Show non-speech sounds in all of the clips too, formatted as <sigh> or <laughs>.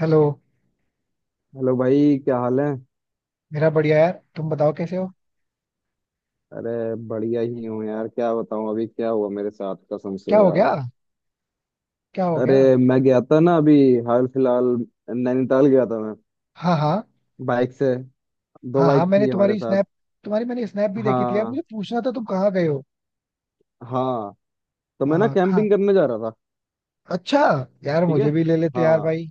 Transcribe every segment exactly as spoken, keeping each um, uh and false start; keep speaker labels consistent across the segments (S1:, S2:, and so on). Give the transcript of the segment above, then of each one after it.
S1: Hello.
S2: Hello भाई, क्या हाल है?
S1: मेरा बढ़िया यार। तुम बताओ कैसे हो।
S2: अरे, बढ़िया ही हूँ यार। क्या बताऊँ अभी क्या हुआ मेरे साथ, कसम से
S1: क्या हो
S2: यार।
S1: गया? क्या हो
S2: अरे,
S1: गया?
S2: मैं गया था ना अभी हाल फिलहाल, नैनीताल गया था मैं,
S1: हाँ हाँ।
S2: बाइक से। दो
S1: हाँ हाँ,
S2: बाइक
S1: मैंने
S2: थी हमारे
S1: तुम्हारी
S2: साथ।
S1: स्नैप तुम्हारी मैंने स्नैप भी देखी थी यार।
S2: हाँ,
S1: मुझे पूछना था तुम कहाँ गए हो।
S2: हाँ। तो मैं ना
S1: हाँ हाँ,
S2: कैंपिंग करने जा रहा था।
S1: अच्छा। यार
S2: ठीक है।
S1: मुझे भी ले लेते यार
S2: हाँ,
S1: भाई।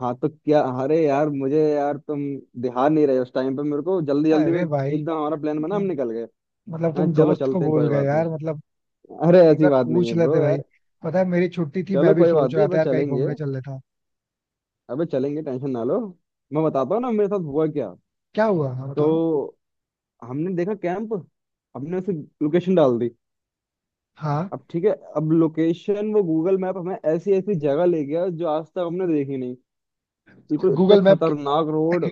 S2: हाँ तो क्या, अरे यार मुझे, यार तुम ध्यान नहीं रहे उस टाइम पे। मेरे को जल्दी जल्दी में
S1: अरे भाई।
S2: एकदम हमारा प्लान बना, हम
S1: मतलब
S2: निकल गए।
S1: मतलब
S2: हाँ,
S1: तुम
S2: चलो
S1: दोस्त को
S2: चलते हैं
S1: बोल
S2: कोई
S1: गए
S2: बात नहीं।
S1: यार मतलब।
S2: अरे
S1: एक
S2: ऐसी
S1: बार
S2: बात नहीं
S1: पूछ
S2: है ब्रो
S1: लेते भाई।
S2: यार।
S1: पता है मेरी छुट्टी थी, मैं
S2: चलो
S1: भी
S2: कोई बात
S1: सोच
S2: नहीं,
S1: रहा था
S2: अपन
S1: यार कहीं
S2: चलेंगे।
S1: घूमने चल लेता।
S2: अबे चलेंगे, टेंशन ना लो। मैं बताता हूँ ना मेरे साथ हुआ क्या।
S1: क्या हुआ? हाँ
S2: तो
S1: बताओ।
S2: हमने देखा कैंप, हमने उसे लोकेशन डाल दी।
S1: हाँ।
S2: अब ठीक है, अब लोकेशन वो गूगल मैप हमें ऐसी ऐसी जगह ले गया जो आज तक हमने देखी नहीं। बिल्कुल इतने
S1: गूगल मैप के?
S2: खतरनाक रोड।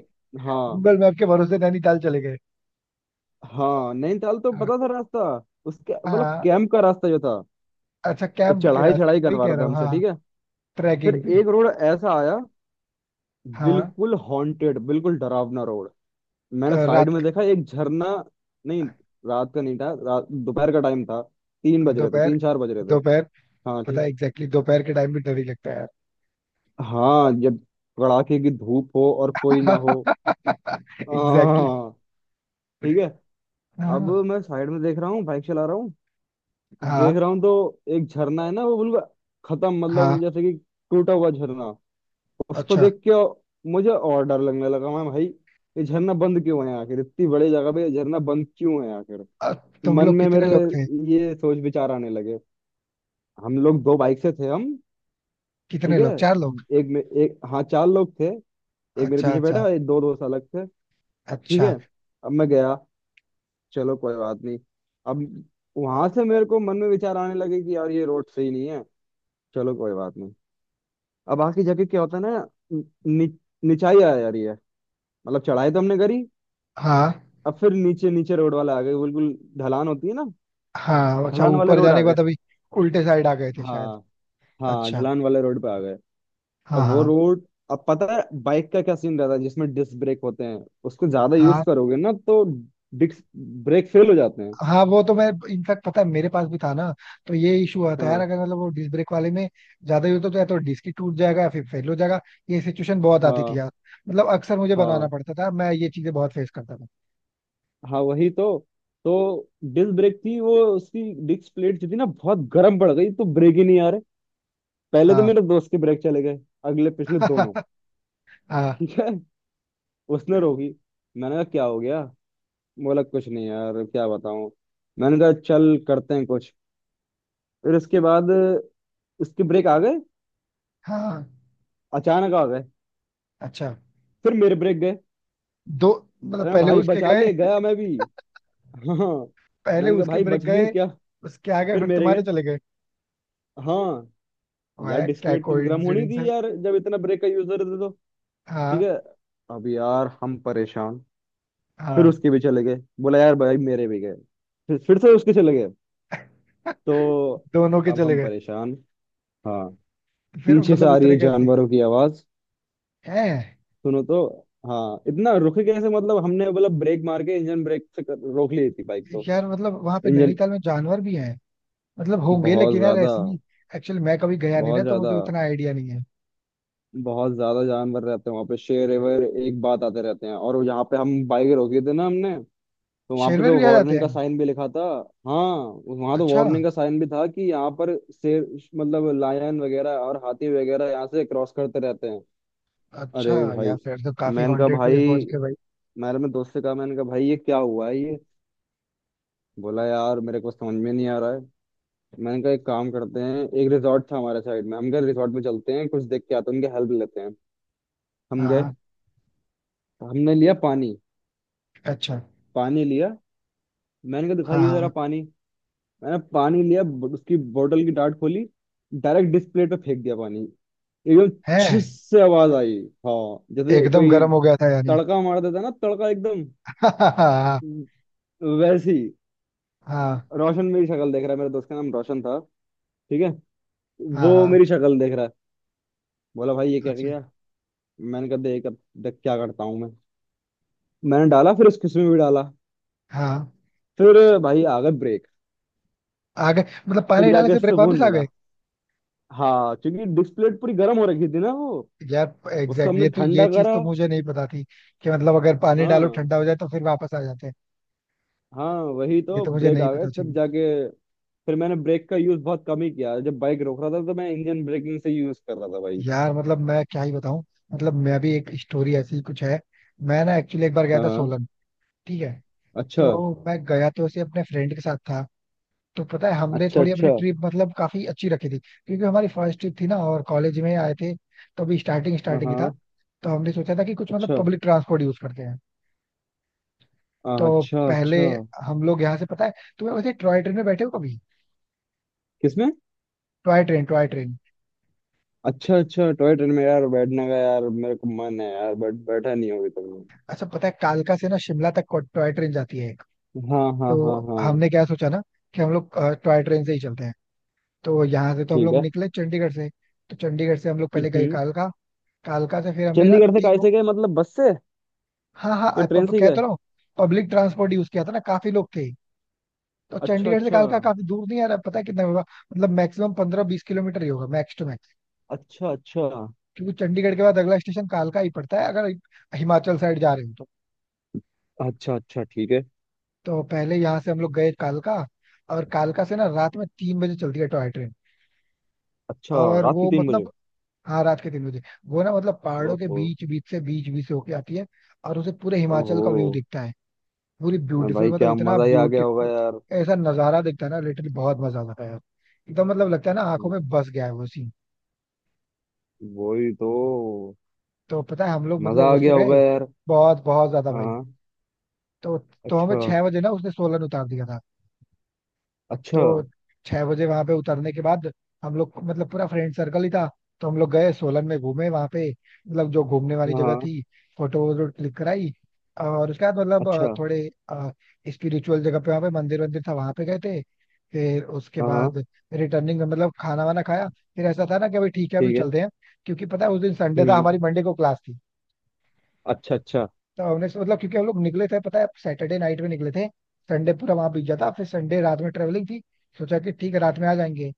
S2: हाँ।
S1: गूगल मैप के भरोसे नैनीताल चले गए?
S2: हाँ नैनीताल तो
S1: हाँ
S2: पता था रास्ता। उसके मतलब
S1: हाँ,
S2: कैंप का रास्ता जो था।
S1: अच्छा
S2: वो
S1: कैंप के
S2: चढ़ाई
S1: रास्ते
S2: चढ़ाई
S1: वही
S2: करवा
S1: कह
S2: रहा
S1: रहा
S2: था
S1: हूँ,
S2: हमसे।
S1: हाँ।
S2: ठीक है। फिर
S1: ट्रैकिंग पे?
S2: एक रोड ऐसा आया,
S1: हाँ।
S2: बिल्कुल हॉन्टेड, बिल्कुल डरावना रोड। मैंने
S1: अ,
S2: साइड में
S1: रात?
S2: देखा एक झरना। नहीं, रात का नहीं था, रात दोपहर का टाइम था। तीन बज रहे थे,
S1: दोपहर।
S2: तीन चार बज रहे थे।
S1: दोपहर।
S2: हाँ
S1: पता है
S2: ठीक।
S1: एग्जैक्टली दोपहर के टाइम भी डर ही लगता है
S2: हाँ, जब कड़ाके की धूप हो और कोई ना हो।
S1: यार। <laughs> एग्जैक्टली।
S2: हाँ। ठीक है। अब
S1: हाँ
S2: मैं साइड में देख रहा हूँ, बाइक चला रहा हूँ। तो
S1: हाँ
S2: देख रहा हूँ तो एक झरना है ना, वो बिल्कुल खत्म,
S1: हाँ।
S2: मतलब जैसे कि टूटा हुआ झरना। उसको
S1: अच्छा।
S2: देख के मुझे और डर लगने लगा। मैं भाई, ये झरना बंद क्यों है आखिर, इतनी बड़ी जगह पे ये झरना बंद क्यों है आखिर।
S1: अ, तुम
S2: मन
S1: लोग
S2: में
S1: कितने
S2: मेरे
S1: लोग थे?
S2: ये सोच विचार आने लगे। हम लोग दो बाइक से थे हम।
S1: कितने
S2: ठीक है।
S1: लोग? चार लोग?
S2: एक में एक, हाँ चार लोग थे। एक मेरे
S1: अच्छा
S2: पीछे
S1: अच्छा।
S2: बैठा, एक दो दोस्त अलग थे। ठीक है।
S1: अच्छा।
S2: अब मैं गया, चलो कोई बात नहीं। अब वहां से मेरे को मन में विचार आने लगे कि यार ये रोड सही नहीं है। चलो कोई बात नहीं। अब आखिरी जगह क्या होता है ना, नि, निचाई आ जा रही है। मतलब चढ़ाई तो हमने करी।
S1: हाँ
S2: अब फिर नीचे नीचे रोड वाले आ गए, बिल्कुल ढलान होती है ना।
S1: हाँ। अच्छा
S2: ढलान वाले
S1: ऊपर
S2: रोड
S1: जाने
S2: आ
S1: के
S2: गए।
S1: बाद अभी उल्टे साइड आ गए थे शायद?
S2: हाँ। हाँ,
S1: अच्छा।
S2: ढलान वाले रोड पे आ गए। और
S1: हाँ
S2: वो
S1: हाँ।
S2: रोड, अब पता है बाइक का क्या सीन रहता है, जिसमें डिस्क ब्रेक होते हैं उसको ज्यादा यूज
S1: हाँ।
S2: करोगे ना तो डिस्क ब्रेक फेल हो जाते हैं।
S1: हाँ वो तो मैं, इनफैक्ट पता है मेरे पास भी था ना, तो ये इशू होता है यार,
S2: हाँ।
S1: अगर मतलब वो डिस्क ब्रेक वाले में ज्यादा यूज हो तो या तो डिस्क ही टूट जाएगा या फिर फेल हो जाएगा। ये सिचुएशन बहुत आती थी
S2: हाँ,
S1: यार। मतलब अक्सर मुझे बनवाना
S2: हाँ,
S1: पड़ता था, मैं ये चीजें बहुत फेस करता था।
S2: हाँ, वही तो। तो डिस्क ब्रेक थी वो, उसकी डिस्क प्लेट जो थी ना बहुत गर्म पड़ गई, तो ब्रेक ही नहीं आ रहे। पहले तो
S1: हाँ।
S2: मेरे दोस्त के ब्रेक चले गए, अगले पिछले दोनों।
S1: <laughs> हाँ
S2: ठीक है। उसने रोकी, मैंने कहा क्या हो गया? बोला कुछ नहीं यार, क्या बताऊं। मैंने कहा चल करते हैं कुछ। फिर उसके बाद उसके ब्रेक आ गए,
S1: हाँ।
S2: अचानक आ गए।
S1: अच्छा।
S2: फिर मेरे ब्रेक गए।
S1: दो? मतलब
S2: अरे मैं,
S1: पहले
S2: भाई
S1: उसके
S2: बचा
S1: गए?
S2: ले गया मैं भी। हाँ।
S1: पहले
S2: मैंने कहा
S1: उसके
S2: भाई
S1: ब्रेक
S2: बचा ले
S1: गए।
S2: क्या।
S1: उसके आगे
S2: फिर
S1: फिर
S2: मेरे
S1: तुम्हारे
S2: गए।
S1: चले गए?
S2: हाँ। यार
S1: वाह क्या
S2: डिस्प्ले तो गर्म होनी
S1: कोइंसिडेंस
S2: थी
S1: है।
S2: यार, जब इतना ब्रेक का यूजर थे तो। ठीक
S1: हाँ।
S2: है। अब यार हम परेशान। फिर
S1: हाँ।
S2: उसके भी चले गए। बोला यार भाई मेरे भी गए। फिर फिर से उसके चले गए। तो
S1: <laughs> दोनों के
S2: अब
S1: चले
S2: हम
S1: गए?
S2: परेशान। हाँ।
S1: फिर
S2: पीछे से
S1: मतलब
S2: आ रही
S1: उतरे
S2: है
S1: कैसे?
S2: जानवरों की आवाज।
S1: हैं?
S2: सुनो तो। हाँ, इतना रुके कैसे, मतलब हमने बोला ब्रेक मार के, इंजन ब्रेक से कर- रोक ली थी बाइक तो।
S1: यार मतलब वहां पे
S2: इंजन।
S1: नैनीताल में जानवर भी हैं? मतलब होंगे,
S2: बहुत
S1: लेकिन यार
S2: ज्यादा,
S1: ऐसी, एक्चुअली मैं कभी गया नहीं
S2: बहुत
S1: ना तो
S2: ज्यादा,
S1: मुझे उतना आइडिया नहीं है।
S2: बहुत ज्यादा जानवर रहते हैं वहां पे। शेर एवर एक बात आते रहते हैं, और यहाँ पे हम बाइक रोकी थी ना हमने। तो वहां पे
S1: शेरवर
S2: तो
S1: भी आ जाते
S2: वार्निंग
S1: हैं?
S2: का साइन भी लिखा था। हाँ। वहां तो
S1: अच्छा।
S2: वार्निंग का साइन भी था कि यहाँ पर शेर, मतलब लायन वगैरह और हाथी वगैरह यहाँ से क्रॉस करते रहते हैं।
S1: अच्छा।
S2: अरे
S1: यार
S2: भाई।
S1: फिर तो काफी
S2: मैंने कहा
S1: हॉन्टेड
S2: भाई,
S1: प्लेस पहुंच गए भाई।
S2: मैंने अपने दोस्त से कहा, मैंने कहा भाई ये क्या हुआ है ये। बोला यार मेरे को समझ में नहीं आ रहा है। मैंने कहा एक काम करते हैं, एक रिजॉर्ट था हमारे साइड में, हम गए रिजॉर्ट में, चलते हैं कुछ देख के आते हैं, उनकी हेल्प लेते हैं। हम
S1: हाँ
S2: गए,
S1: हाँ,
S2: हमने लिया पानी।
S1: अच्छा।
S2: पानी लिया, मैंने कहा
S1: हाँ
S2: दिखाइए जरा
S1: हाँ।
S2: पानी। मैंने पानी लिया, ब- उसकी बोतल की डाट खोली। डायरेक्ट डिस्प्ले पे फेंक दिया पानी, एकदम।
S1: है?
S2: छिस से आवाज आई, हाँ, जैसे
S1: एकदम
S2: कोई
S1: गर्म हो गया था यानी?
S2: तड़का मार देता है ना, तड़का एकदम
S1: <laughs> हाँ हाँ।
S2: वैसी। रोशन मेरी शक्ल देख रहा है, मेरे दोस्त का नाम रोशन था। ठीक है।
S1: हाँ
S2: वो
S1: हाँ।
S2: मेरी शक्ल देख रहा है। बोला भाई ये क्या
S1: अच्छा।
S2: किया? मैंने कहा देख अब, देख क्या करता हूँ मैं। मैंने डाला, फिर उस किस्म में भी डाला।
S1: हाँ।
S2: फिर भाई आ गए ब्रेक।
S1: आ गए? मतलब
S2: फिर
S1: पानी डालने
S2: जाके
S1: से ब्रेक वापस
S2: सुकून
S1: आ
S2: मिला।
S1: गए?
S2: हाँ, क्योंकि डिस्प्ले पूरी गर्म हो रखी थी ना वो।
S1: यार
S2: उसको
S1: एग्जैक्टली exactly,
S2: हमने
S1: ये तो ये
S2: ठंडा
S1: चीज
S2: करा।
S1: तो मुझे नहीं पता थी। कि मतलब अगर पानी डालो
S2: हाँ,
S1: ठंडा हो जाए तो फिर वापस आ जाते हैं।
S2: हाँ वही
S1: ये
S2: तो,
S1: तो मुझे
S2: ब्रेक
S1: नहीं
S2: आ गए
S1: पता
S2: तब
S1: चली।
S2: जाके। फिर मैंने ब्रेक का यूज बहुत कम ही किया, जब बाइक रोक रहा था तो मैं इंजन ब्रेकिंग से यूज कर रहा था भाई।
S1: यार मतलब मैं क्या ही बताऊं। मतलब मैं भी एक स्टोरी ऐसी ही कुछ है। मैं ना एक्चुअली एक बार गया था
S2: हाँ।
S1: सोलन। ठीक है।
S2: अच्छा।
S1: तो मैं गया तो ऐसे अपने फ्रेंड के साथ था। तो पता है हमने
S2: अच्छा।
S1: थोड़ी अपनी
S2: अच्छा।
S1: ट्रिप मतलब काफी अच्छी रखी थी, क्योंकि हमारी फर्स्ट ट्रिप थी ना और कॉलेज में आए थे। तो अभी स्टार्टिंग
S2: हाँ,
S1: स्टार्टिंग ही था।
S2: हाँ,
S1: तो हमने सोचा था कि कुछ मतलब
S2: अच्छा।
S1: पब्लिक ट्रांसपोर्ट यूज करते हैं।
S2: हाँ,
S1: तो
S2: अच्छा,
S1: पहले
S2: अच्छा।
S1: हम लोग यहाँ से पता है, तुम्हें वैसे टॉय ट्रेन में बैठे हो कभी?
S2: किसमें?
S1: Toy train toy train.
S2: अच्छा, अच्छा, टॉय ट्रेन में यार बैठने का यार मेरे को मन है यार, बट बैठा नहीं होगी तुमने।
S1: अच्छा पता है कालका से ना शिमला तक टॉय ट्रेन जाती है एक।
S2: हाँ, हाँ,
S1: तो
S2: हाँ, हाँ।
S1: हमने क्या सोचा ना, कि हम लोग अ, टॉय ट्रेन से ही चलते हैं। तो यहाँ से तो हम
S2: ठीक
S1: लोग
S2: है।
S1: निकले चंडीगढ़ से। तो चंडीगढ़ से हम लोग पहले गए
S2: हम्म।
S1: कालका। कालका से फिर हमने ना
S2: चंडीगढ़ से
S1: ती वो,
S2: कैसे गए, मतलब बस से,
S1: हाँ हाँ,
S2: या
S1: अ,
S2: ट्रेन
S1: पब,
S2: से ही
S1: कहता
S2: गए?
S1: रहा हूँ, पब्लिक ट्रांसपोर्ट यूज किया था ना, काफी लोग थे। तो
S2: अच्छा,
S1: चंडीगढ़ से
S2: अच्छा।
S1: कालका काफी दूर नहीं है यार, पता है कितना होगा? मतलब मैक्सिमम पंद्रह बीस किलोमीटर ही होगा, मैक्स टू मैक्स।
S2: अच्छा, अच्छा।
S1: क्योंकि चंडीगढ़ के बाद अगला स्टेशन कालका ही पड़ता है, अगर हिमाचल साइड जा रहे हो तो।
S2: अच्छा, अच्छा, ठीक है।
S1: तो पहले यहाँ से हम लोग गए कालका। और कालका से ना रात में तीन बजे चलती है टॉय ट्रेन।
S2: अच्छा।
S1: और
S2: रात के
S1: वो
S2: तीन बजे?
S1: मतलब, हाँ रात के तीन बजे। वो ना मतलब पहाड़ों के
S2: ओहो।
S1: बीच बीच से, बीच बीच से होके आती है। और उसे पूरे हिमाचल का
S2: ओहो।
S1: व्यू दिखता है। पूरी
S2: अरे
S1: ब्यूटीफुल,
S2: भाई
S1: मतलब
S2: क्या
S1: इतना
S2: मजा ही आ गया होगा
S1: ब्यूटीफुल।
S2: यार।
S1: ऐसा नजारा दिखता है ना, लिटरली बहुत मजा आता है यार। एकदम मतलब लगता है ना आंखों
S2: म-,
S1: में बस गया है वो सीन।
S2: वही तो।
S1: तो पता है हम लोग मतलब
S2: मजा आ
S1: उससे
S2: गया होगा
S1: गए।
S2: यार।
S1: बहुत बहुत ज्यादा भाई।
S2: हाँ।
S1: तो तो हमें
S2: अच्छा।
S1: छह बजे ना उसने सोलन उतार दिया था।
S2: अच्छा।
S1: तो छह बजे वहां पे उतरने के बाद हम लोग मतलब पूरा फ्रेंड सर्कल ही था, तो हम लोग गए सोलन में, घूमे वहां पे मतलब जो घूमने वाली
S2: हाँ,
S1: जगह
S2: हाँ,
S1: थी। फोटो वोटो क्लिक कराई। और उसके बाद मतलब अ,
S2: अच्छा।
S1: थोड़े स्पिरिचुअल जगह पे वहां पे मंदिर वंदिर था, वहां पे गए थे। फिर उसके
S2: हाँ, हाँ।
S1: बाद रिटर्निंग, मतलब खाना वाना खाया। फिर ऐसा था ना कि अभी ठीक है अभी
S2: ठीक है।
S1: चलते हैं, क्योंकि पता है उस दिन संडे था,
S2: हम्म।
S1: हमारी मंडे को क्लास थी।
S2: अच्छा, अच्छा।
S1: तो हमने मतलब क्योंकि हम लोग निकले थे, पता है सैटरडे नाइट में निकले थे। संडे पूरा वहां बीत जाता, फिर संडे रात में ट्रेवलिंग थी। सोचा कि ठीक है रात में आ जाएंगे।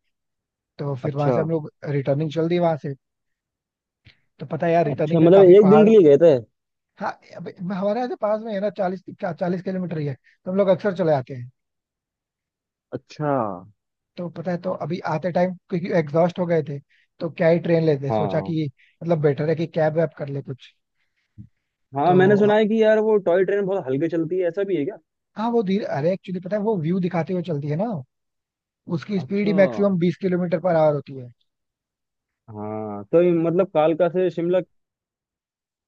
S1: तो फिर वहां
S2: अच्छा।
S1: से हम लोग रिटर्निंग चल दी वहां से। तो पता है यार रिटर्निंग
S2: अच्छा
S1: पे
S2: मतलब
S1: काफी
S2: एक दिन
S1: पहाड़,
S2: के लिए गए थे।
S1: हाँ अब हमारे यहाँ से पास में है ना, चालीस चालीस किलोमीटर ही है, तो हम लोग अक्सर चले आते हैं।
S2: अच्छा।
S1: तो पता है तो अभी आते टाइम क्योंकि एग्जॉस्ट हो गए थे, तो क्या ही ट्रेन लेते, सोचा
S2: हाँ,
S1: कि मतलब बेटर है कि कैब वैब कर ले कुछ।
S2: हाँ मैंने
S1: तो
S2: सुना है कि यार वो टॉय ट्रेन बहुत हल्के चलती है, ऐसा भी है क्या?
S1: हाँ, वो धीरे, अरे एक्चुअली पता है वो व्यू दिखाते हुए चलती है ना, उसकी स्पीड ही
S2: अच्छा।
S1: मैक्सिमम बीस किलोमीटर पर आवर होती है।
S2: हाँ तो ये मतलब कालका से शिमला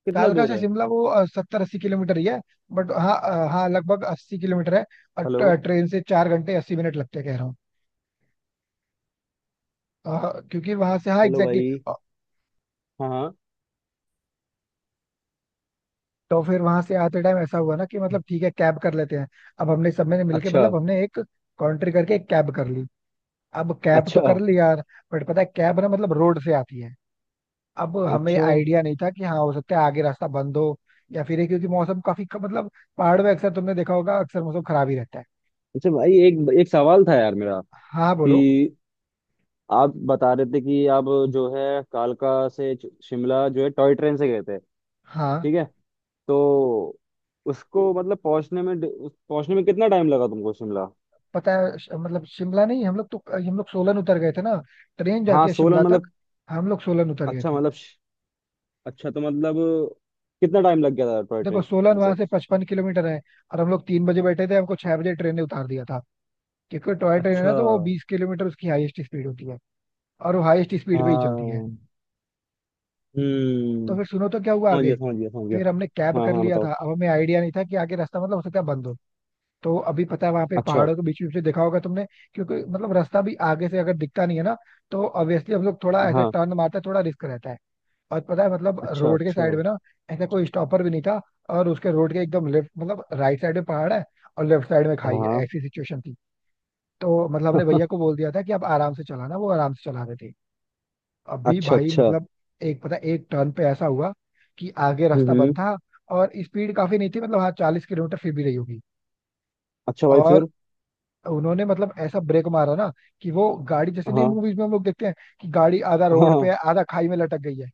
S2: कितना
S1: कालका
S2: दूर
S1: से
S2: है?
S1: शिमला वो सत्तर अस्सी किलोमीटर ही है। बट हाँ, अ, हाँ लगभग अस्सी किलोमीटर है।
S2: हेलो।
S1: और ट्रेन से चार घंटे अस्सी मिनट लगते हैं, कह रहा हूँ। हाँ, क्योंकि वहां से हाँ
S2: हेलो
S1: एग्जैक्टली
S2: भाई।
S1: exactly।
S2: हाँ, हाँ।
S1: तो फिर वहां से आते टाइम ऐसा हुआ ना कि मतलब ठीक है कैब कर लेते हैं। अब हमने सब ने मिलके
S2: अच्छा।
S1: मतलब हमने एक कॉन्ट्री करके एक कैब कर ली। अब कैब तो
S2: अच्छा।
S1: कर ली यार, बट पता है कैब ना मतलब रोड से आती है। अब हमें
S2: अच्छा।
S1: आइडिया नहीं था कि हाँ हो सकता है आगे रास्ता बंद हो, या फिर ये, क्योंकि मौसम काफी मतलब पहाड़ में अक्सर तुमने देखा होगा अक्सर मौसम खराब ही रहता है।
S2: अच्छा भाई, एक एक सवाल था यार मेरा,
S1: हाँ
S2: कि
S1: बोलो।
S2: आप बता रहे थे कि आप, जो है, कालका से च- शिमला जो है टॉय ट्रेन से गए थे।
S1: हाँ
S2: ठीक है। तो उसको मतलब पहुंचने में डि- उस- पहुंचने में कितना टाइम लगा तुमको शिमला?
S1: पता है श- मतलब शिमला नहीं, हम लोग तो हम लोग सोलन उतर गए थे ना। ट्रेन
S2: हाँ
S1: जाती है
S2: सोलन,
S1: शिमला तक।
S2: मतलब।
S1: हम लोग सोलन उतर गए
S2: अच्छा
S1: थे।
S2: मतलब श-, अच्छा तो मतलब कितना टाइम लग गया था टॉय
S1: देखो सोलन
S2: ट्रेन
S1: वहां
S2: से?
S1: से पचपन किलोमीटर है। और हम लोग तीन बजे बैठे थे, हमको छह बजे ट्रेन ने उतार दिया था। क्योंकि टॉय ट्रेन है
S2: अच्छा।
S1: ना तो वो बीस किलोमीटर उसकी हाईएस्ट स्पीड होती है। और वो हाईएस्ट स्पीड पे ही चलती है।
S2: हाँ।
S1: तो
S2: हम्म।
S1: फिर सुनो तो क्या हुआ
S2: समझ
S1: आगे।
S2: गया, समझ गया, समझ गया।
S1: फिर हमने कैब
S2: हाँ,
S1: कर
S2: हाँ
S1: लिया था।
S2: बताओ।
S1: अब हमें आइडिया नहीं था कि आगे रास्ता मतलब हो सकता है बंद हो। तो अभी पता है वहां पे
S2: अच्छा।
S1: पहाड़ों के बीच बीच में देखा होगा तुमने। क्योंकि मतलब रास्ता भी आगे से अगर दिखता नहीं है ना, तो ऑब्वियसली हम लोग थोड़ा ऐसा
S2: हाँ।
S1: टर्न मारते हैं, थोड़ा रिस्क रहता है। और पता है मतलब
S2: अच्छा।
S1: रोड के साइड
S2: अच्छा।
S1: में ना ऐसा कोई स्टॉपर भी नहीं था। और उसके रोड के एकदम लेफ्ट, मतलब राइट साइड में पहाड़ है, और लेफ्ट साइड में खाई है,
S2: हाँ।
S1: ऐसी सिचुएशन थी। तो मतलब हमने भैया को
S2: <laughs>
S1: बोल दिया था कि आप आराम से चलाना, वो आराम से चला रहे थे। अभी
S2: अच्छा।
S1: भाई
S2: अच्छा।
S1: मतलब एक पता है, एक टर्न पे ऐसा हुआ कि आगे
S2: हम्म।
S1: रास्ता बंद
S2: हम्म।
S1: था, और स्पीड काफी नहीं थी, मतलब हाँ चालीस किलोमीटर फिर भी रही होगी।
S2: अच्छा भाई
S1: और
S2: फिर।
S1: उन्होंने मतलब ऐसा ब्रेक मारा ना कि वो गाड़ी जैसे नहीं
S2: हाँ,
S1: मूवीज में हम लोग देखते हैं कि गाड़ी आधा रोड पे
S2: हाँ।
S1: है, आधा खाई में लटक गई है।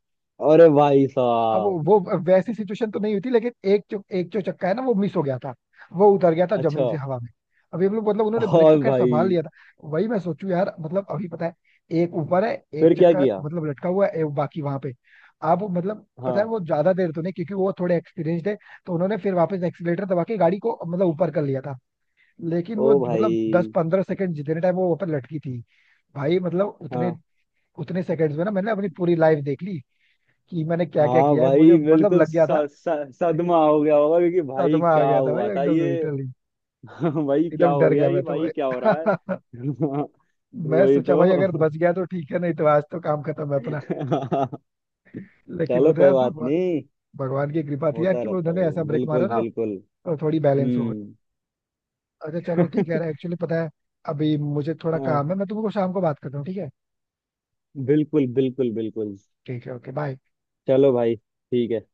S2: अरे भाई
S1: अब वो
S2: साहब।
S1: वो वैसी सिचुएशन तो नहीं हुई थी, लेकिन एक जो एक जो चक्का है ना वो मिस हो गया था। वो उतर गया था जमीन
S2: अच्छा।
S1: से हवा में। अभी हम लोग मतलब उन्होंने ब्रेक तो
S2: और
S1: खैर
S2: भाई?
S1: संभाल लिया था। वही मैं सोचू यार मतलब अभी पता है एक ऊपर है, एक
S2: फिर क्या
S1: चक्का
S2: किया?
S1: मतलब लटका हुआ है, एक बाकी वहां पे। आप मतलब पता है
S2: हाँ।
S1: वो ज्यादा देर तो नहीं, क्योंकि वो थोड़े एक्सपीरियंस्ड है। तो उन्होंने फिर वापस एक्सीलेटर दबा के गाड़ी को मतलब ऊपर कर लिया था। लेकिन
S2: ओ
S1: वो
S2: भाई।
S1: मतलब दस पंद्रह सेकंड जितने टाइम वो ऊपर लटकी थी। भाई मतलब उतने
S2: हाँ।
S1: उतने सेकंड्स में ना मैंने अपनी पूरी लाइफ देख ली। कि मैंने क्या क्या
S2: हाँ
S1: किया है मुझे
S2: भाई,
S1: मतलब
S2: बिल्कुल
S1: लग
S2: स,
S1: गया था।
S2: स, सदमा हो गया होगा, क्योंकि भाई
S1: सदमा आ
S2: क्या
S1: गया था भाई
S2: हुआ था
S1: एकदम
S2: ये।
S1: लिटरली।
S2: <laughs> भाई क्या
S1: एकदम
S2: हो
S1: डर
S2: गया
S1: गया
S2: ये,
S1: मैं तो
S2: भाई क्या हो रहा है।
S1: भाई।
S2: <laughs>
S1: <laughs> मैं
S2: वही
S1: सोचा भाई अगर
S2: तो।
S1: बच गया तो ठीक है, नहीं तो आज तो काम खत्म है अपना।
S2: <laughs>
S1: लेकिन
S2: चलो
S1: बताया
S2: कोई बात
S1: भगवान,
S2: नहीं,
S1: भगवान की कृपा थी यार
S2: होता
S1: कि वो
S2: रहता
S1: उन्होंने
S2: है।
S1: ऐसा ब्रेक
S2: बिल्कुल,
S1: मारा ना,
S2: बिल्कुल।
S1: और थोड़ी बैलेंस हो गई।
S2: हम्म।
S1: अच्छा चलो ठीक है यार,
S2: <laughs>
S1: एक्चुअली पता है अभी मुझे थोड़ा
S2: हाँ।
S1: काम है, मैं तुमको शाम को बात करता हूँ, ठीक है?
S2: बिल्कुल, बिल्कुल, बिल्कुल।
S1: ठीक है ओके बाय।
S2: चलो भाई ठीक है।